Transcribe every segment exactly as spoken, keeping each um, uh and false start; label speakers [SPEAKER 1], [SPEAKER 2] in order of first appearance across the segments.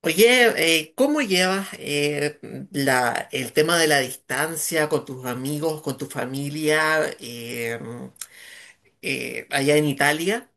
[SPEAKER 1] Oye, eh, ¿cómo llevas eh, la, el tema de la distancia con tus amigos, con tu familia eh, eh, allá en Italia?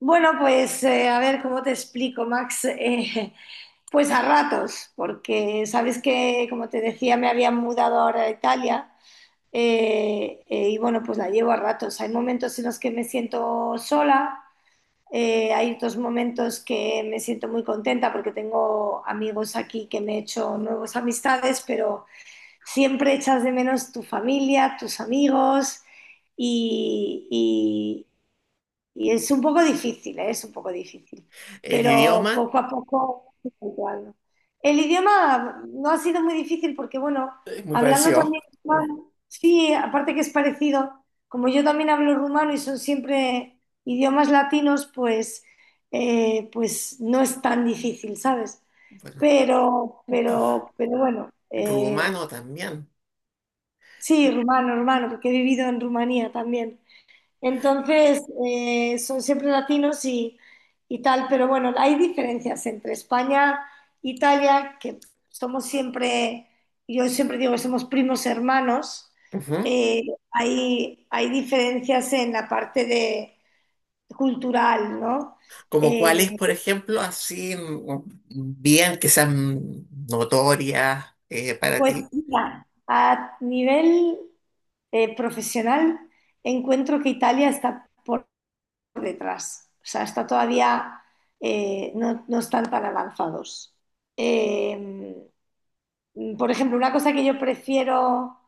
[SPEAKER 2] Bueno, pues eh, a ver cómo te explico, Max. Eh, pues a ratos, porque sabes que, como te decía, me había mudado ahora a Italia, eh, eh, y bueno, pues la llevo a ratos. Hay momentos en los que me siento sola, eh, hay otros momentos que me siento muy contenta porque tengo amigos aquí, que me he hecho nuevas amistades, pero siempre echas de menos tu familia, tus amigos, y, y es un poco difícil, ¿eh? Es un poco difícil,
[SPEAKER 1] El
[SPEAKER 2] pero
[SPEAKER 1] idioma,
[SPEAKER 2] poco a poco estoy habituando. El idioma no ha sido muy difícil porque, bueno,
[SPEAKER 1] eh, muy
[SPEAKER 2] hablando
[SPEAKER 1] parecido.
[SPEAKER 2] también rumano, sí, aparte que es parecido, como yo también hablo rumano y son siempre idiomas latinos, pues, eh, pues no es tan difícil, ¿sabes?
[SPEAKER 1] Bueno,
[SPEAKER 2] Pero,
[SPEAKER 1] ru-
[SPEAKER 2] pero, pero bueno, eh,
[SPEAKER 1] rumano también.
[SPEAKER 2] sí, rumano, rumano, porque he vivido en Rumanía también. Entonces, eh, son siempre latinos y, y tal, pero bueno, hay diferencias entre España e Italia, que somos siempre, yo siempre digo que somos primos hermanos.
[SPEAKER 1] Ujú.
[SPEAKER 2] eh, hay, hay diferencias en la parte de, cultural, ¿no?
[SPEAKER 1] Como
[SPEAKER 2] Eh,
[SPEAKER 1] cuáles, por ejemplo, así mm, bien que sean notorias eh, para
[SPEAKER 2] pues
[SPEAKER 1] ti,
[SPEAKER 2] mira, a nivel eh, profesional, encuentro que Italia está por por detrás. O sea, está todavía, eh, no, no están tan avanzados. Eh, por ejemplo, una cosa que yo prefiero,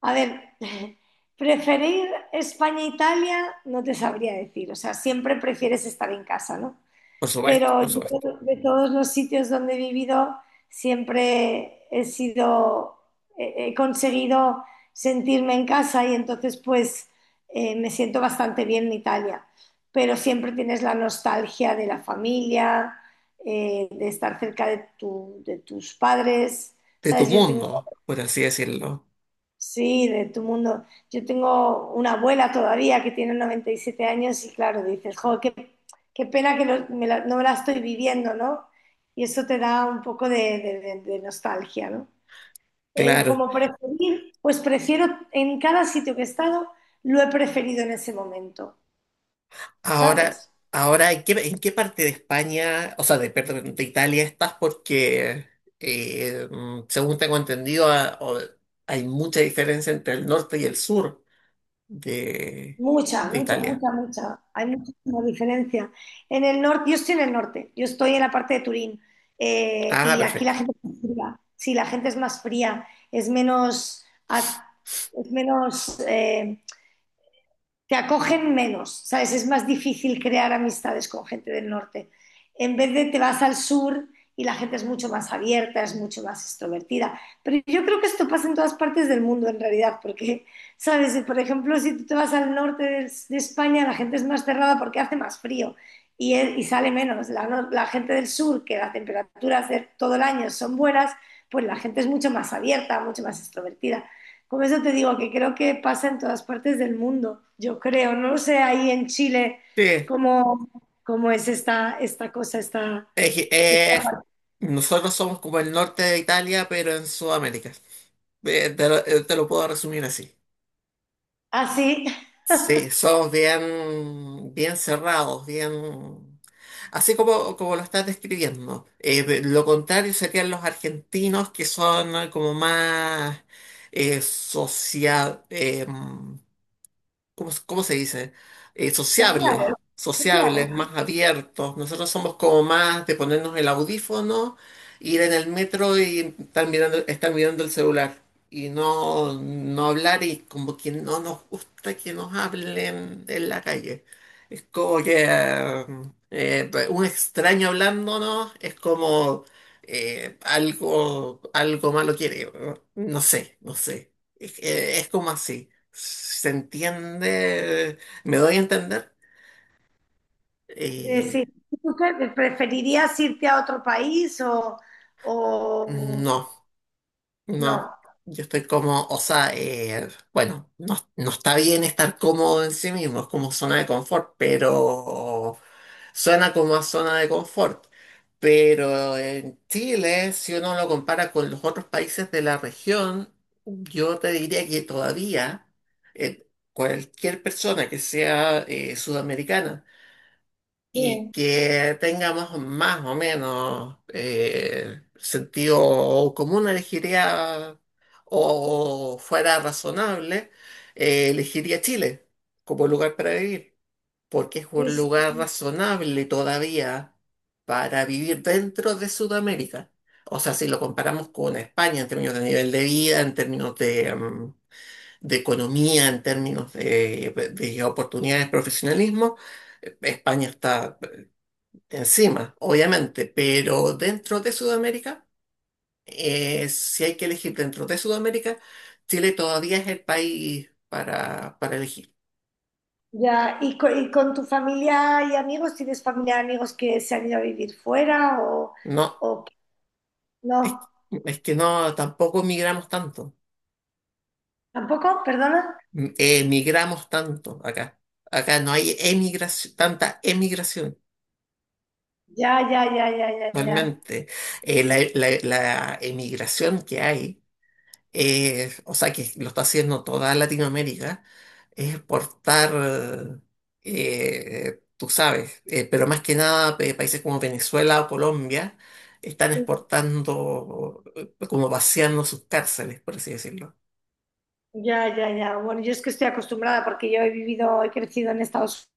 [SPEAKER 2] a ver, preferir España e Italia, no te sabría decir. O sea, siempre prefieres estar en casa, ¿no?
[SPEAKER 1] por supuesto,
[SPEAKER 2] Pero
[SPEAKER 1] por supuesto,
[SPEAKER 2] yo, de todos los sitios donde he vivido, siempre he sido, he he conseguido sentirme en casa, y entonces, pues eh, me siento bastante bien en Italia. Pero siempre tienes la nostalgia de la familia, eh, de estar cerca de tu- de tus padres.
[SPEAKER 1] de tu
[SPEAKER 2] ¿Sabes? Yo tengo
[SPEAKER 1] mundo, por así decirlo.
[SPEAKER 2] Sí, de tu mundo. Yo tengo una abuela todavía que tiene noventa y siete años, y claro, dices, jo, qué, qué pena que no me, la, no me la estoy viviendo, ¿no? Y eso te da un poco de, de- de- de nostalgia, ¿no? Eh,
[SPEAKER 1] Claro.
[SPEAKER 2] como preferir, pues prefiero, en cada sitio que he estado, lo he preferido en ese momento,
[SPEAKER 1] Ahora,
[SPEAKER 2] ¿sabes?
[SPEAKER 1] ahora, ¿en qué, en qué parte de España, o sea, de, perdón, de Italia estás? Porque eh, mm, según tengo entendido, a- o- hay mucha diferencia entre el norte y el sur de,
[SPEAKER 2] Mucha,
[SPEAKER 1] de
[SPEAKER 2] mucha,
[SPEAKER 1] Italia.
[SPEAKER 2] mucha, mucha. Hay muchísima diferencia. En el norte, yo estoy en el norte, yo estoy en la parte de Turín, eh,
[SPEAKER 1] Ah,
[SPEAKER 2] y aquí
[SPEAKER 1] perfecto.
[SPEAKER 2] la gente es más fría. Sí, la gente es más fría, es menos, ac- es menos eh, te acogen menos, ¿sabes? Es más difícil crear amistades con gente del norte. En vez de te vas al sur, y la gente es mucho más abierta, es mucho más extrovertida. Pero yo creo que esto pasa en todas partes del mundo, en realidad, porque, ¿sabes? Por ejemplo, si tú te vas al norte de, de España, la gente es más cerrada porque hace más frío, y, y sale menos. La, no- la gente del sur, que las temperaturas de todo el año son buenas, pues la gente es mucho más abierta, mucho más extrovertida. Por eso te digo que creo que pasa en todas partes del mundo, yo creo. No lo sé ahí en Chile
[SPEAKER 1] Sí.
[SPEAKER 2] cómo, cómo es esta, esta cosa, esta,
[SPEAKER 1] Es que, eh,
[SPEAKER 2] esta...
[SPEAKER 1] nosotros somos como el norte de Italia, pero en Sudamérica. Eh, te lo, eh, te lo puedo resumir así.
[SPEAKER 2] así.
[SPEAKER 1] Sí, somos bien, bien cerrados, bien... Así como, como lo estás describiendo. Eh, pe- lo contrario serían los argentinos, que son eh, como más eh, social... ¿cómo, se cómo se dice? Eh, sociables,
[SPEAKER 2] Claro,
[SPEAKER 1] sociables,
[SPEAKER 2] claro.
[SPEAKER 1] más abiertos. Nosotros somos como más de ponernos el audífono, ir en el metro y estar mirando, estar mirando el celular y no, no hablar y como que no nos gusta que nos hablen en la calle. Es como que eh, eh, un extraño hablándonos es como... eh, algo, algo malo quiere, no. No sé, no sé, es eh, es como así. ¿Se entiende? ¿Me doy a entender?
[SPEAKER 2] Eh,
[SPEAKER 1] Eh,
[SPEAKER 2] sí. ¿Tú qué- preferirías irte a otro país, o, o
[SPEAKER 1] no,
[SPEAKER 2] no?
[SPEAKER 1] no. Yo estoy como, o sea, eh, bueno, no, no está bien estar cómodo en sí mismo, es como zona de confort, pero suena como a zona de confort. Pero en Chile, si uno lo compara con los otros países de la región, yo te diría que todavía eh, cualquier persona que sea eh, sudamericana, y
[SPEAKER 2] Sí,
[SPEAKER 1] que tengamos más o menos eh, sentido común, elegiría o fuera razonable, eh, elegiría Chile como lugar para vivir, porque es
[SPEAKER 2] sí,
[SPEAKER 1] un
[SPEAKER 2] sí.
[SPEAKER 1] lugar razonable todavía para vivir dentro de Sudamérica. O sea, si lo comparamos con España en términos de nivel de vida, en términos de, mm, de economía, en términos de, de oportunidades, profesionalismo, España está encima, obviamente, pero dentro de Sudamérica, eh, si hay que elegir dentro de Sudamérica, Chile todavía es el país para, para elegir.
[SPEAKER 2] Ya, ¿y co- y con tu familia y amigos? ¿Tienes familia y amigos que se han ido a vivir fuera, o,
[SPEAKER 1] No,
[SPEAKER 2] o que-
[SPEAKER 1] es,
[SPEAKER 2] no?
[SPEAKER 1] es que no, tampoco migramos tanto.
[SPEAKER 2] ¿Tampoco? ¿Perdona?
[SPEAKER 1] M- emigramos tanto acá. Acá no hay emigración, tanta emigración.
[SPEAKER 2] Ya, ya, ya, ya, ya, ya.
[SPEAKER 1] Realmente, Eh, la, la la emigración que hay eh, o sea, que lo está haciendo toda Latinoamérica, es exportar, eh, tú sabes, eh, pero más que nada eh, países como Venezuela o Colombia están exportando, eh, como vaciando sus cárceles, por así decirlo.
[SPEAKER 2] Ya, ya, ya. Bueno, yo es que estoy acostumbrada, porque yo he vivido, he crecido en Estados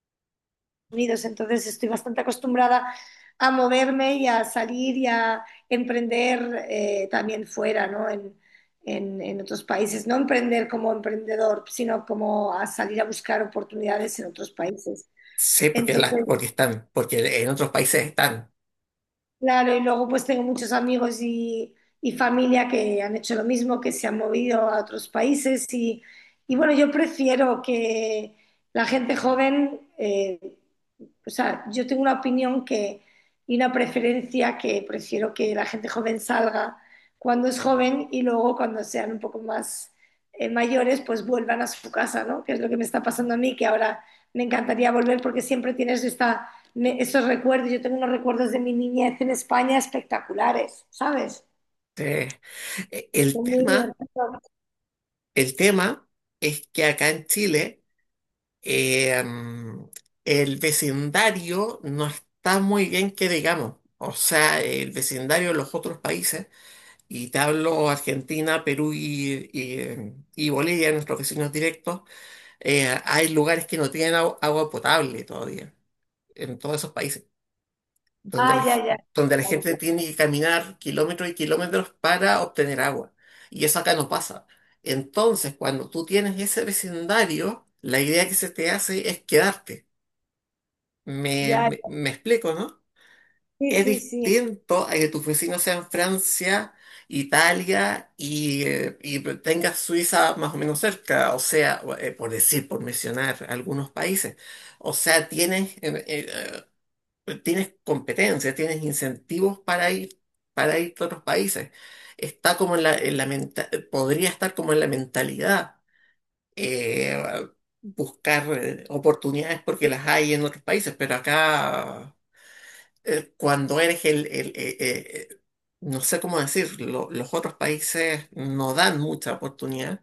[SPEAKER 2] Unidos, entonces estoy bastante acostumbrada a moverme y a salir y a emprender, eh, también fuera, ¿no? En, en- en otros países. No emprender como emprendedor, sino como a salir a buscar oportunidades en otros países.
[SPEAKER 1] Sí, porque, la,
[SPEAKER 2] Entonces.
[SPEAKER 1] porque están, porque en otros países están.
[SPEAKER 2] Claro, y luego pues tengo muchos amigos y, y familia que han hecho lo mismo, que se han movido a otros países y, y bueno, yo prefiero que la gente joven, eh, o sea, yo tengo una opinión, que, y una preferencia, que prefiero que la gente joven salga cuando es joven, y luego cuando sean un poco más eh, mayores, pues vuelvan a su casa, ¿no? Que es lo que me está pasando a mí, que ahora me encantaría volver, porque siempre tienes esta, me, esos recuerdos. Yo tengo unos recuerdos de mi niñez en España espectaculares, ¿sabes?
[SPEAKER 1] Eh, el
[SPEAKER 2] Estoy muy
[SPEAKER 1] tema,
[SPEAKER 2] divertido.
[SPEAKER 1] el tema es que acá en Chile Eh, mm, el vecindario no está muy bien que digamos. O sea, el vecindario de los otros países, y te hablo Argentina, Perú y, y- eh, y Bolivia, nuestros vecinos directos, eh, hay lugares que no tienen agu- agua potable todavía, en todos esos países, donde la,
[SPEAKER 2] Ah, ya,
[SPEAKER 1] ge-
[SPEAKER 2] ya.
[SPEAKER 1] donde la gente tiene que caminar kilómetros y kilómetros para obtener agua. Y eso acá no pasa. Entonces, cuando tú tienes ese vecindario, la idea que se te hace es quedarte. Me,
[SPEAKER 2] Ya,
[SPEAKER 1] me, me explico, ¿no?
[SPEAKER 2] sí,
[SPEAKER 1] Es
[SPEAKER 2] sí, sí.
[SPEAKER 1] distinto a que tus vecinos sean Francia, Italia y, eh, y tengas Suiza más o menos cerca, o sea, eh, por decir, por mencionar algunos países. O sea, tienes, eh, eh, eh, tienes competencias, tienes incentivos para ir, para ir a otros países. Está como en la, en la menta- podría estar como en la mentalidad. eh, buscar eh, oportunidades porque
[SPEAKER 2] Sí.
[SPEAKER 1] las hay en otros países, pero acá eh, cuando eres el, el- eh, eh, eh, no sé cómo decirlo, los otros países no dan mucha oportunidad,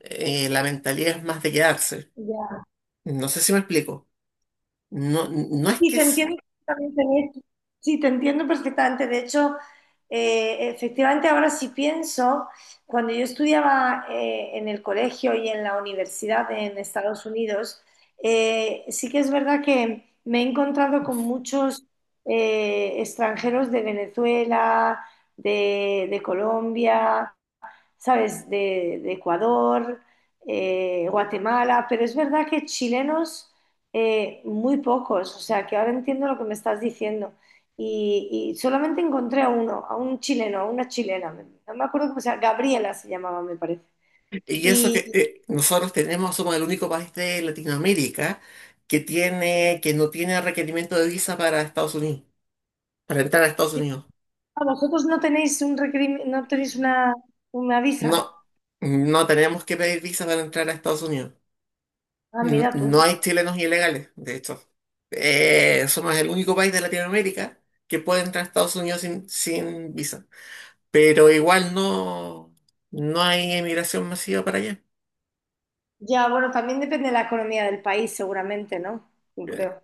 [SPEAKER 1] eh, la mentalidad es más de quedarse.
[SPEAKER 2] Ya.
[SPEAKER 1] No sé si me explico. No, no es
[SPEAKER 2] Sí,
[SPEAKER 1] que
[SPEAKER 2] te
[SPEAKER 1] es,
[SPEAKER 2] entiendo perfectamente en esto. Sí, te entiendo perfectamente. De hecho, eh, efectivamente, ahora sí pienso, cuando yo estudiaba, eh, en el colegio y en la universidad en Estados Unidos, eh, sí que es verdad que me he encontrado con muchos, eh, extranjeros de Venezuela, de, de Colombia, ¿sabes? De, de Ecuador, eh, Guatemala, pero es verdad que chilenos, eh, muy pocos, o sea que ahora entiendo lo que me estás diciendo. Y, y solamente encontré a uno, a un chileno, a una chilena, no me acuerdo cómo se llama, Gabriela se llamaba, me parece.
[SPEAKER 1] y eso
[SPEAKER 2] Y
[SPEAKER 1] que eh, nosotros tenemos, somos el único país de Latinoamérica que tiene, que no tiene requerimiento de visa para Estados Unidos, para entrar a Estados
[SPEAKER 2] sí.
[SPEAKER 1] Unidos.
[SPEAKER 2] Ah, vosotros no tenéis un requerim- no tenéis una, una visa.
[SPEAKER 1] No, no tenemos que pedir visa para entrar a Estados Unidos.
[SPEAKER 2] Ah,
[SPEAKER 1] No,
[SPEAKER 2] mira tú.
[SPEAKER 1] no hay chilenos ilegales, de hecho. Eh, somos el único país de Latinoamérica que puede entrar a Estados Unidos sin, sin visa. Pero igual no, no hay emigración masiva para allá.
[SPEAKER 2] Ya, bueno, también depende de la economía del país, seguramente, ¿no? Yo
[SPEAKER 1] Eh,
[SPEAKER 2] creo.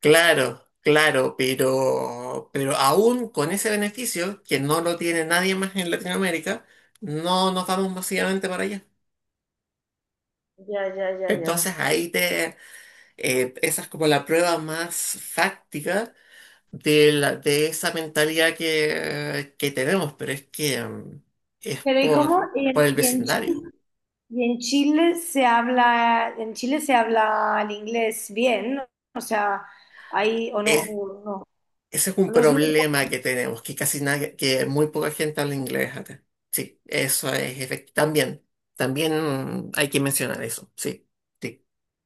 [SPEAKER 1] Claro, claro, pero, pero aún con ese beneficio, que no lo tiene nadie más en Latinoamérica, no nos vamos masivamente para allá.
[SPEAKER 2] Ya, ya, ya, ya.
[SPEAKER 1] Entonces ahí te, eh, esa es como la prueba más fáctica de, la- de esa mentalidad que, que tenemos, pero es que mm, es
[SPEAKER 2] Pero ¿y cómo?
[SPEAKER 1] por,
[SPEAKER 2] ¿Y
[SPEAKER 1] por
[SPEAKER 2] en,
[SPEAKER 1] el
[SPEAKER 2] y en
[SPEAKER 1] vecindario.
[SPEAKER 2] Y en Chile se habla, en Chile se habla el inglés bien, ¿no? O sea, ahí, o no,
[SPEAKER 1] Es-
[SPEAKER 2] o no,
[SPEAKER 1] ese es un
[SPEAKER 2] o no es muy,
[SPEAKER 1] problema que tenemos, que casi nadie, que muy poca gente habla inglés acá. Sí, eso es efectivo. También, también hay que mencionar eso. Sí, sí,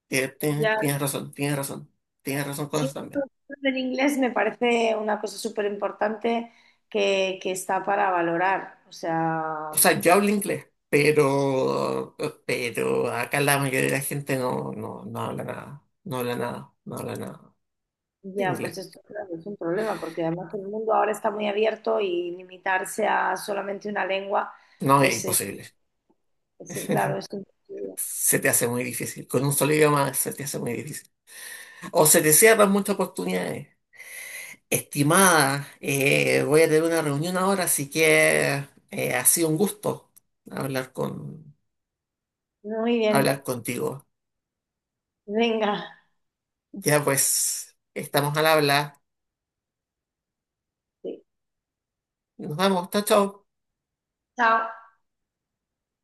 [SPEAKER 1] tie- tie-
[SPEAKER 2] ya.
[SPEAKER 1] tienes razón, tienes razón, tienes razón con
[SPEAKER 2] Sí,
[SPEAKER 1] eso también.
[SPEAKER 2] el inglés me parece una cosa súper importante, que, que está para valorar. O
[SPEAKER 1] O
[SPEAKER 2] sea,
[SPEAKER 1] sea, yo hablo inglés. Pero, pero acá la mayoría de la gente no, no, no habla nada, no habla nada, no habla nada de
[SPEAKER 2] ya, pues
[SPEAKER 1] inglés.
[SPEAKER 2] esto claro, es un problema, porque además el mundo ahora está muy abierto, y limitarse a solamente una lengua,
[SPEAKER 1] No, es
[SPEAKER 2] pues es,
[SPEAKER 1] imposible.
[SPEAKER 2] es- claro, es un-
[SPEAKER 1] Se te hace muy difícil. Con un solo idioma se te hace muy difícil. O se te cierran muchas oportunidades. Estimada, eh, voy a tener una reunión ahora, así que eh, ha sido un gusto hablar con,
[SPEAKER 2] Muy bien,
[SPEAKER 1] hablar contigo.
[SPEAKER 2] venga,
[SPEAKER 1] Ya pues, estamos al habla.
[SPEAKER 2] sí.
[SPEAKER 1] Nos vemos. Chao, chao.
[SPEAKER 2] Chao.